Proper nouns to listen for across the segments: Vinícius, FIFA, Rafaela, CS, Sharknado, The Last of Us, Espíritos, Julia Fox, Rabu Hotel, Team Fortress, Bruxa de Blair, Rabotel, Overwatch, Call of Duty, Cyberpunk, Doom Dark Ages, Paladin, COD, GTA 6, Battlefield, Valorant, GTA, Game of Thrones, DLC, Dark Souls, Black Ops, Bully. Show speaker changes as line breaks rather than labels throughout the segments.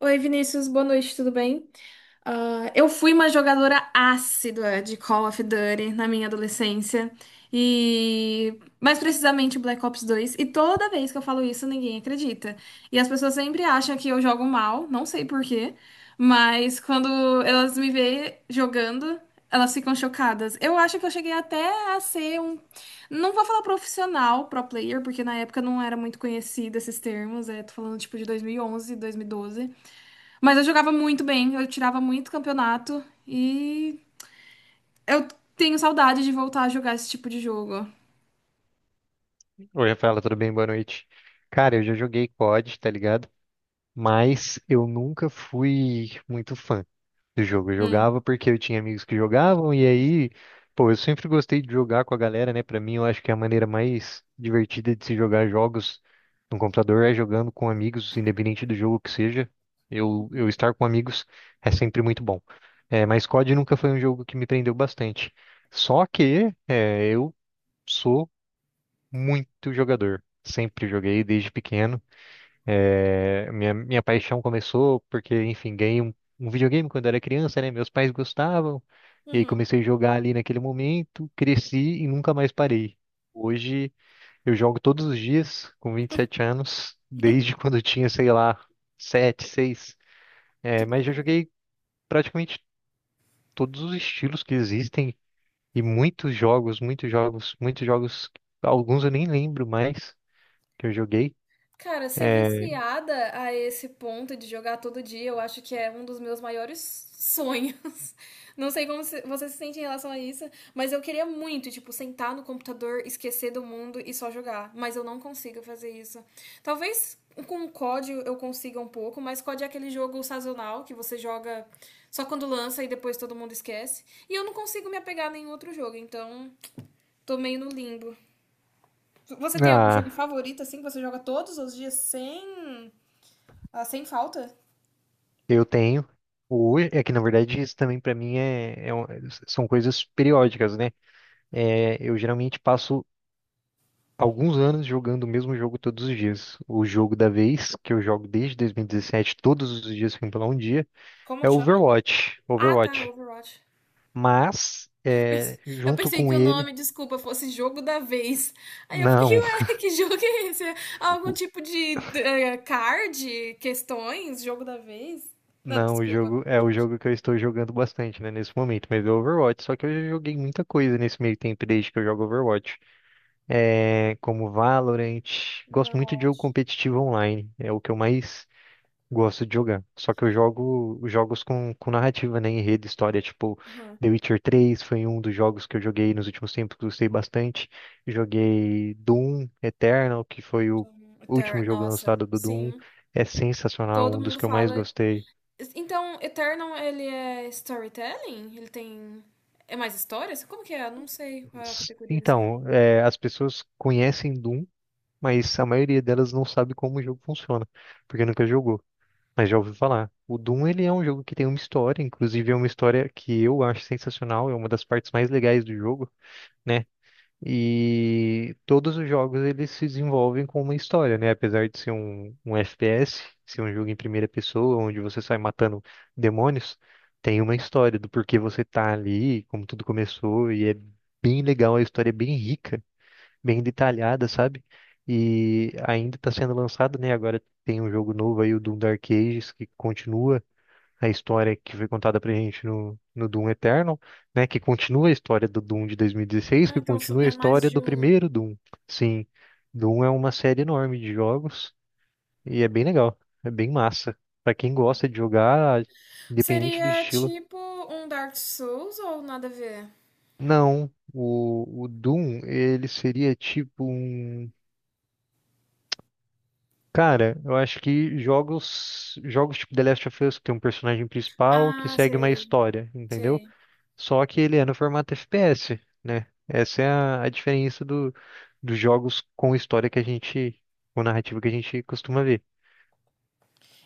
Oi, Vinícius, boa noite, tudo bem? Eu fui uma jogadora ácida de Call of Duty na minha adolescência e mais precisamente Black Ops 2. E toda vez que eu falo isso, ninguém acredita. E as pessoas sempre acham que eu jogo mal, não sei por quê, mas quando elas me veem jogando, elas ficam chocadas. Eu acho que eu cheguei até a ser um, não vou falar profissional, pro player, porque na época não era muito conhecido esses termos. Tô falando tipo de 2011, 2012. Mas eu jogava muito bem, eu tirava muito campeonato e eu tenho saudade de voltar a jogar esse tipo de jogo.
Oi, Rafaela, tudo bem? Boa noite. Cara, eu já joguei COD, tá ligado? Mas eu nunca fui muito fã do jogo. Eu
Hum.
jogava porque eu tinha amigos que jogavam, e aí, pô, eu sempre gostei de jogar com a galera, né? Pra mim, eu acho que a maneira mais divertida de se jogar jogos no computador é jogando com amigos, independente do jogo que seja. Eu estar com amigos é sempre muito bom. É, mas COD nunca foi um jogo que me prendeu bastante. Só que é, eu sou muito jogador. Sempre joguei desde pequeno. É, minha paixão começou porque, enfim, ganhei um videogame quando era criança, né? Meus pais gostavam. E aí
Uhum.
comecei a jogar ali naquele momento, cresci e nunca mais parei. Hoje eu jogo todos os dias, com 27 anos, desde quando eu tinha, sei lá, 7 seis.
Que
É, mas já
doideira.
joguei praticamente todos os estilos que existem e muitos jogos, muitos jogos, muitos jogos. Alguns eu nem lembro mais que eu joguei.
Cara, ser
É,
viciada a esse ponto de jogar todo dia, eu acho que é um dos meus maiores sonhos. Não sei como você se sente em relação a isso, mas eu queria muito, tipo, sentar no computador, esquecer do mundo e só jogar. Mas eu não consigo fazer isso. Talvez com o COD eu consiga um pouco, mas COD é aquele jogo sazonal que você joga só quando lança e depois todo mundo esquece. E eu não consigo me apegar a nenhum outro jogo, então tô meio no limbo. Você tem algum
ah,
jogo favorito, assim, que você joga todos os dias sem falta?
eu tenho. O é que na verdade isso também para mim são coisas periódicas, né? É, eu geralmente passo alguns anos jogando o mesmo jogo todos os dias. O jogo da vez, que eu jogo desde 2017, todos os dias sem pular um dia, é
Como chama?
Overwatch.
Ah, tá,
Overwatch.
Overwatch.
Mas,
Eu
é,
pens- eu
junto
pensei que
com
o
ele,
nome, desculpa, fosse jogo da vez. Aí eu fiquei,
não.
ué, que jogo é esse? Algum
o-
tipo de card, questões, jogo da vez? Não,
Não, o
desculpa,
jogo é
pode
o
continuar.
jogo que eu estou jogando bastante, né, nesse momento, mas é o Overwatch, só que eu já joguei muita coisa nesse meio tempo desde que eu jogo Overwatch. É, como Valorant. Gosto muito de jogo
Overwatch.
competitivo online, é o que eu mais gosto de jogar. Só que eu jogo jogos com narrativa, né, enredo, história, tipo
Aham.
The Witcher 3 foi um dos jogos que eu joguei nos últimos tempos, que gostei bastante. Joguei Doom Eternal, que foi o último jogo
Nossa,
lançado do Doom.
sim.
É sensacional,
Todo
um dos
mundo
que eu mais
fala.
gostei.
Então, Eternal, ele é storytelling? Ele tem. É mais histórias? Como que é? Eu não sei qual é a categoria desse jogo.
Então, é, as pessoas conhecem Doom, mas a maioria delas não sabe como o jogo funciona, porque nunca jogou. Mas já ouvi falar. O Doom, ele é um jogo que tem uma história, inclusive é uma história que eu acho sensacional, é uma das partes mais legais do jogo, né? E todos os jogos eles se desenvolvem com uma história, né? Apesar de ser um FPS, ser um jogo em primeira pessoa, onde você sai matando demônios, tem uma história do porquê você tá ali, como tudo começou, e é bem legal, a história é bem rica, bem detalhada, sabe? E ainda está sendo lançado, né? Agora tem um jogo novo aí, o Doom Dark Ages, que continua a história que foi contada pra gente no Doom Eternal, né? Que continua a história do Doom de 2016,
Ah,
que
então
continua a
é mais
história
de
do
um.
primeiro Doom. Sim, Doom é uma série enorme de jogos e é bem legal, é bem massa. Pra quem gosta de jogar, independente do
Seria
estilo.
tipo um Dark Souls ou nada a ver?
Não, o Doom, ele seria tipo um. Cara, eu acho que jogos, jogos tipo The Last of Us, que tem um personagem principal que
Ah,
segue uma
sei,
história, entendeu?
sei.
Só que ele é no formato FPS, né? Essa é a diferença do, dos jogos com história que a gente, com narrativa que a gente costuma ver.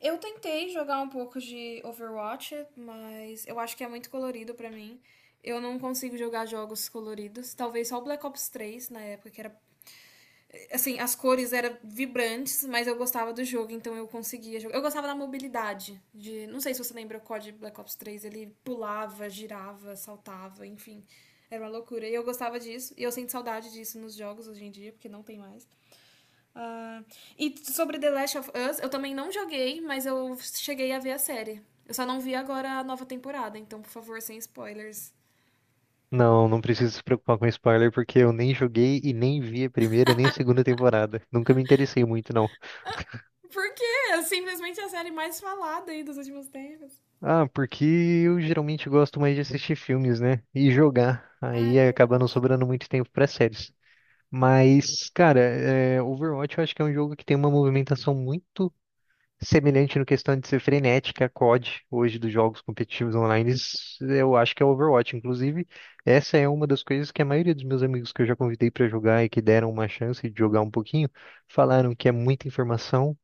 Eu tentei jogar um pouco de Overwatch, mas eu acho que é muito colorido pra mim. Eu não consigo jogar jogos coloridos. Talvez só o Black Ops 3 na época, que era assim, as cores eram vibrantes, mas eu gostava do jogo, então eu conseguia jogar. Eu gostava da mobilidade, de, não sei se você lembra o COD Black Ops 3, ele pulava, girava, saltava, enfim, era uma loucura. E eu gostava disso, e eu sinto saudade disso nos jogos hoje em dia, porque não tem mais. Ah, e sobre The Last of Us, eu também não joguei, mas eu cheguei a ver a série. Eu só não vi agora a nova temporada, então, por favor, sem spoilers.
Não, não precisa se preocupar com spoiler, porque eu nem joguei e nem vi a primeira nem a segunda temporada. Nunca me interessei muito, não.
Porque é simplesmente a série mais falada aí dos últimos tempos.
Ah, porque eu geralmente gosto mais de assistir filmes, né? E jogar.
Ah, é
Aí acaba
verdade.
não sobrando muito tempo para séries. Mas, cara, é, Overwatch eu acho que é um jogo que tem uma movimentação muito semelhante no questão de ser frenética, a COD, hoje dos jogos competitivos online, isso eu acho que é Overwatch. Inclusive, essa é uma das coisas que a maioria dos meus amigos que eu já convidei para jogar e que deram uma chance de jogar um pouquinho, falaram que é muita informação,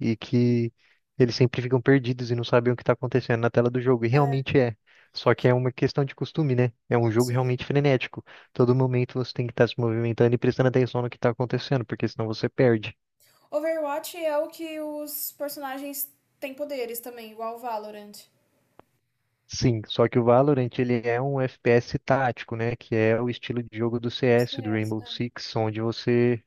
e que eles sempre ficam perdidos e não sabem o que está acontecendo na tela do jogo. E
É,
realmente é. Só que é uma questão de costume, né? É um jogo
sim.
realmente frenético. Todo momento você tem que estar se movimentando e prestando atenção no que está acontecendo, porque senão você perde.
Overwatch é o que os personagens têm poderes também, igual o Valorant.
Sim, só que o Valorant ele é um FPS tático, né? Que é o estilo de jogo do CS, do
CS.
Rainbow
Ah,
Six, onde você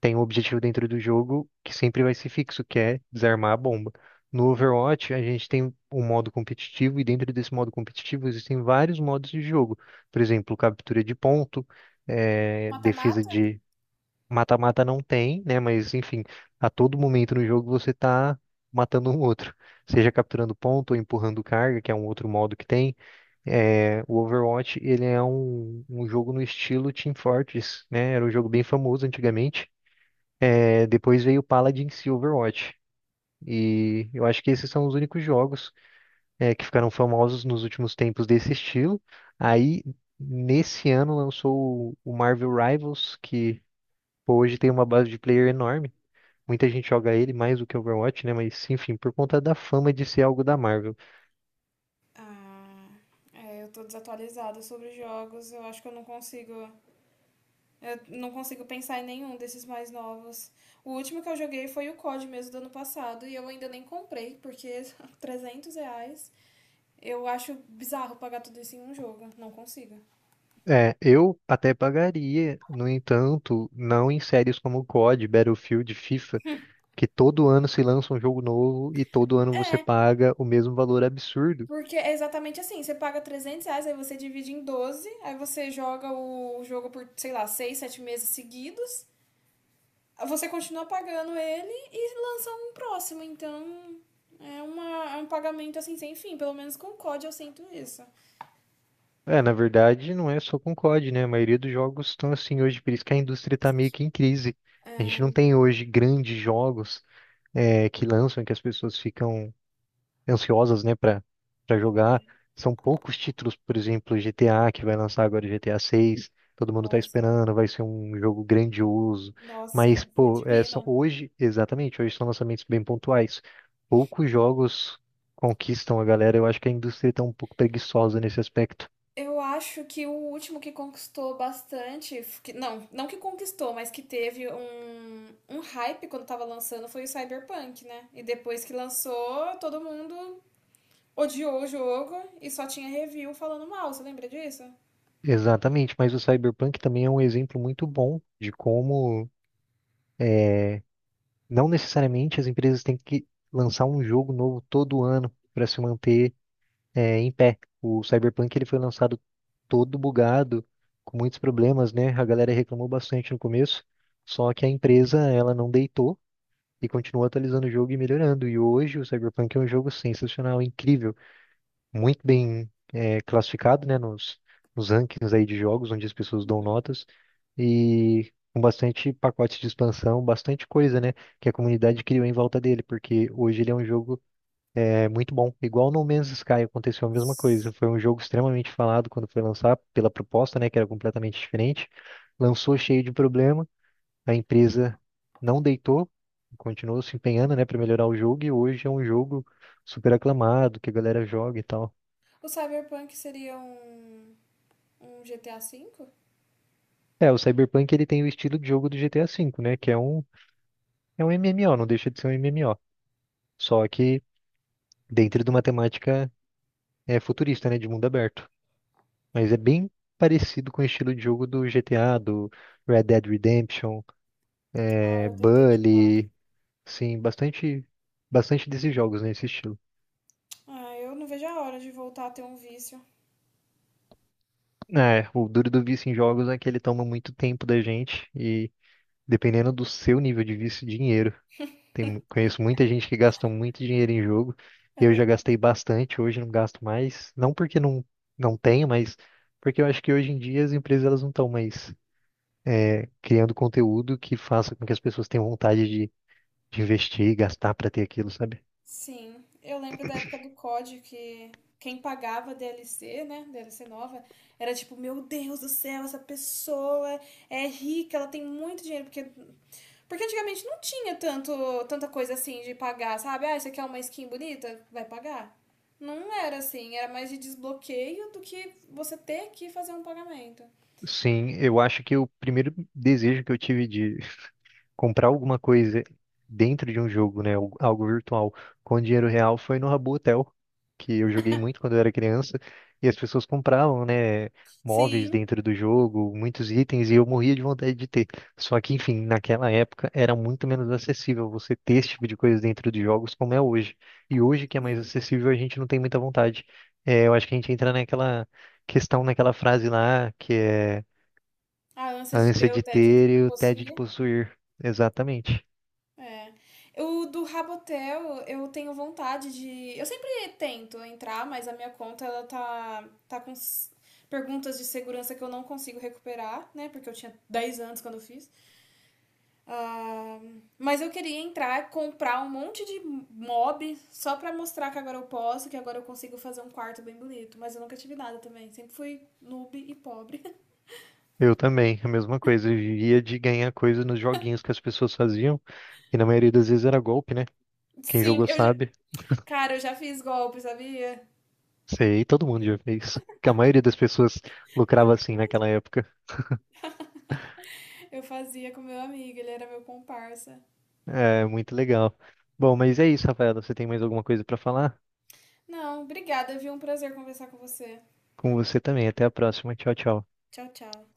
tem um objetivo dentro do jogo que sempre vai ser fixo, que é desarmar a bomba. No Overwatch, a gente tem um modo competitivo e dentro desse modo competitivo existem vários modos de jogo. Por exemplo, captura de ponto, eh, defesa
mata-mata?
de mata-mata não tem, né? Mas enfim, a todo momento no jogo você tá matando um outro, seja capturando ponto ou empurrando carga, que é um outro modo que tem. Eh, o Overwatch ele é um jogo no estilo Team Fortress, né? Era um jogo bem famoso antigamente. É, depois veio o Paladin e Overwatch. E eu acho que esses são os únicos jogos é, que ficaram famosos nos últimos tempos desse estilo. Aí, nesse ano, lançou o Marvel Rivals, que pô, hoje tem uma base de player enorme. Muita gente joga ele mais do que Overwatch, né? Mas, enfim, por conta da fama de ser algo da Marvel.
Ah, é, eu tô desatualizada sobre jogos. Eu acho que eu não consigo. Eu não consigo pensar em nenhum desses mais novos. O último que eu joguei foi o COD mesmo do ano passado e eu ainda nem comprei, porque R$ 300. Eu acho bizarro pagar tudo isso em um jogo. Não consigo.
É, eu até pagaria, no entanto, não em séries como C o COD, Battlefield, FIFA, que todo ano se lança um jogo novo e todo ano você
É.
paga o mesmo valor absurdo.
Porque é exatamente assim, você paga R$ 300, aí você divide em 12, aí você joga o jogo por, sei lá, 6 7 meses seguidos, você continua pagando ele e lança um próximo, então é um pagamento assim sem fim, pelo menos com o COD eu sinto isso.
É, na verdade, não é só com COD, né? A maioria dos jogos estão assim hoje, por isso que a indústria tá meio que em crise. A gente não tem hoje grandes jogos é, que lançam, que as pessoas ficam ansiosas, né, para jogar. São poucos títulos, por exemplo, GTA, que vai lançar agora o GTA 6. Todo mundo tá
Nossa,
esperando, vai ser um jogo grandioso.
nossa,
Mas,
vai ser
pô, é, são
divino.
hoje, exatamente, hoje são lançamentos bem pontuais. Poucos jogos conquistam a galera. Eu acho que a indústria tá um pouco preguiçosa nesse aspecto.
Eu acho que o último que conquistou bastante, não, não que conquistou, mas que teve um hype quando tava lançando foi o Cyberpunk, né? E depois que lançou, todo mundo odiou o jogo e só tinha review falando mal, você lembra disso?
Exatamente, mas o Cyberpunk também é um exemplo muito bom de como é, não necessariamente as empresas têm que lançar um jogo novo todo ano para se manter é, em pé. O Cyberpunk ele foi lançado todo bugado, com muitos problemas, né? A galera reclamou bastante no começo, só que a empresa ela não deitou e continuou atualizando o jogo e melhorando. E hoje o Cyberpunk é um jogo sensacional, incrível, muito bem é, classificado, né? Nos rankings aí de jogos, onde as pessoas dão
Uhum.
notas e com bastante pacote de expansão, bastante coisa, né? Que a comunidade criou em volta dele, porque hoje ele é um jogo é muito bom. Igual No Man's Sky aconteceu a mesma coisa. Foi um jogo extremamente falado quando foi lançar, pela proposta, né, que era completamente diferente. Lançou cheio de problema, a empresa não deitou, continuou se empenhando, né, para melhorar o jogo e hoje é um jogo super aclamado, que a galera joga e tal.
O Cyberpunk seria um GTA 5?
É, o Cyberpunk ele tem o estilo de jogo do GTA V, né, que é um MMO, não deixa de ser um MMO, só que dentro de uma temática é, futurista, né, de mundo aberto. Mas é bem parecido com o estilo de jogo do GTA, do Red Dead Redemption,
Ah,
é,
eu tentei jogar.
Bully, sim, bastante, bastante desses jogos nesse estilo.
Ah, eu não vejo a hora de voltar a ter um vício.
É, o duro do vício em jogos é que ele toma muito tempo da gente e dependendo do seu nível de vício, dinheiro. Tem, conheço muita gente que gasta muito dinheiro em jogo. Eu já
É.
gastei bastante, hoje não gasto mais. Não porque não tenho, mas porque eu acho que hoje em dia as empresas elas não estão mais criando conteúdo que faça com que as pessoas tenham vontade de investir e gastar para ter aquilo, sabe?
Sim, eu lembro da época do COD que quem pagava DLC, né, DLC nova, era tipo, meu Deus do céu, essa pessoa é rica, ela tem muito dinheiro, porque antigamente não tinha tanto tanta coisa assim de pagar, sabe? Ah, você quer uma skin bonita? Vai pagar. Não era assim, era mais de desbloqueio do que você ter que fazer um pagamento.
Sim, eu acho que o primeiro desejo que eu tive de comprar alguma coisa dentro de um jogo, né, algo algo virtual, com dinheiro real foi no Rabu Hotel, que eu joguei muito quando eu era criança, e as pessoas compravam, né, móveis
Sim,
dentro do jogo, muitos itens, e eu morria de vontade de ter. Só que, enfim, naquela época era muito menos acessível você ter esse tipo de coisa dentro de jogos como é hoje. E hoje que é mais
sim.
acessível, a gente não tem muita vontade. É, eu acho que a gente entra naquela questão, naquela frase lá, que é
A ânsia
a
de
ânsia
ter o
de
tédio de
ter e o tédio de
possuir.
possuir. Exatamente.
É. O do Rabotel, eu tenho vontade de. Eu sempre tento entrar, mas a minha conta ela tá com perguntas de segurança que eu não consigo recuperar, né? Porque eu tinha 10 anos quando eu fiz. Ah, mas eu queria entrar, comprar um monte de mob só pra mostrar que agora eu posso, que agora eu consigo fazer um quarto bem bonito. Mas eu nunca tive nada também. Sempre fui noob e pobre.
Eu também, a mesma coisa. Eu vivia de ganhar coisa nos joguinhos que as pessoas faziam. E na maioria das vezes era golpe, né? Quem
Sim,
jogou
eu já...
sabe.
cara, eu já fiz golpe, sabia?
Sei, todo mundo já fez. Que a maioria das pessoas lucrava assim naquela época.
Eu fazia com meu amigo, ele era meu comparsa.
É muito legal. Bom, mas é isso, Rafaela. Você tem mais alguma coisa pra falar?
Não, obrigada, viu? Um prazer conversar com você.
Com você também. Até a próxima. Tchau, tchau.
Tchau, tchau.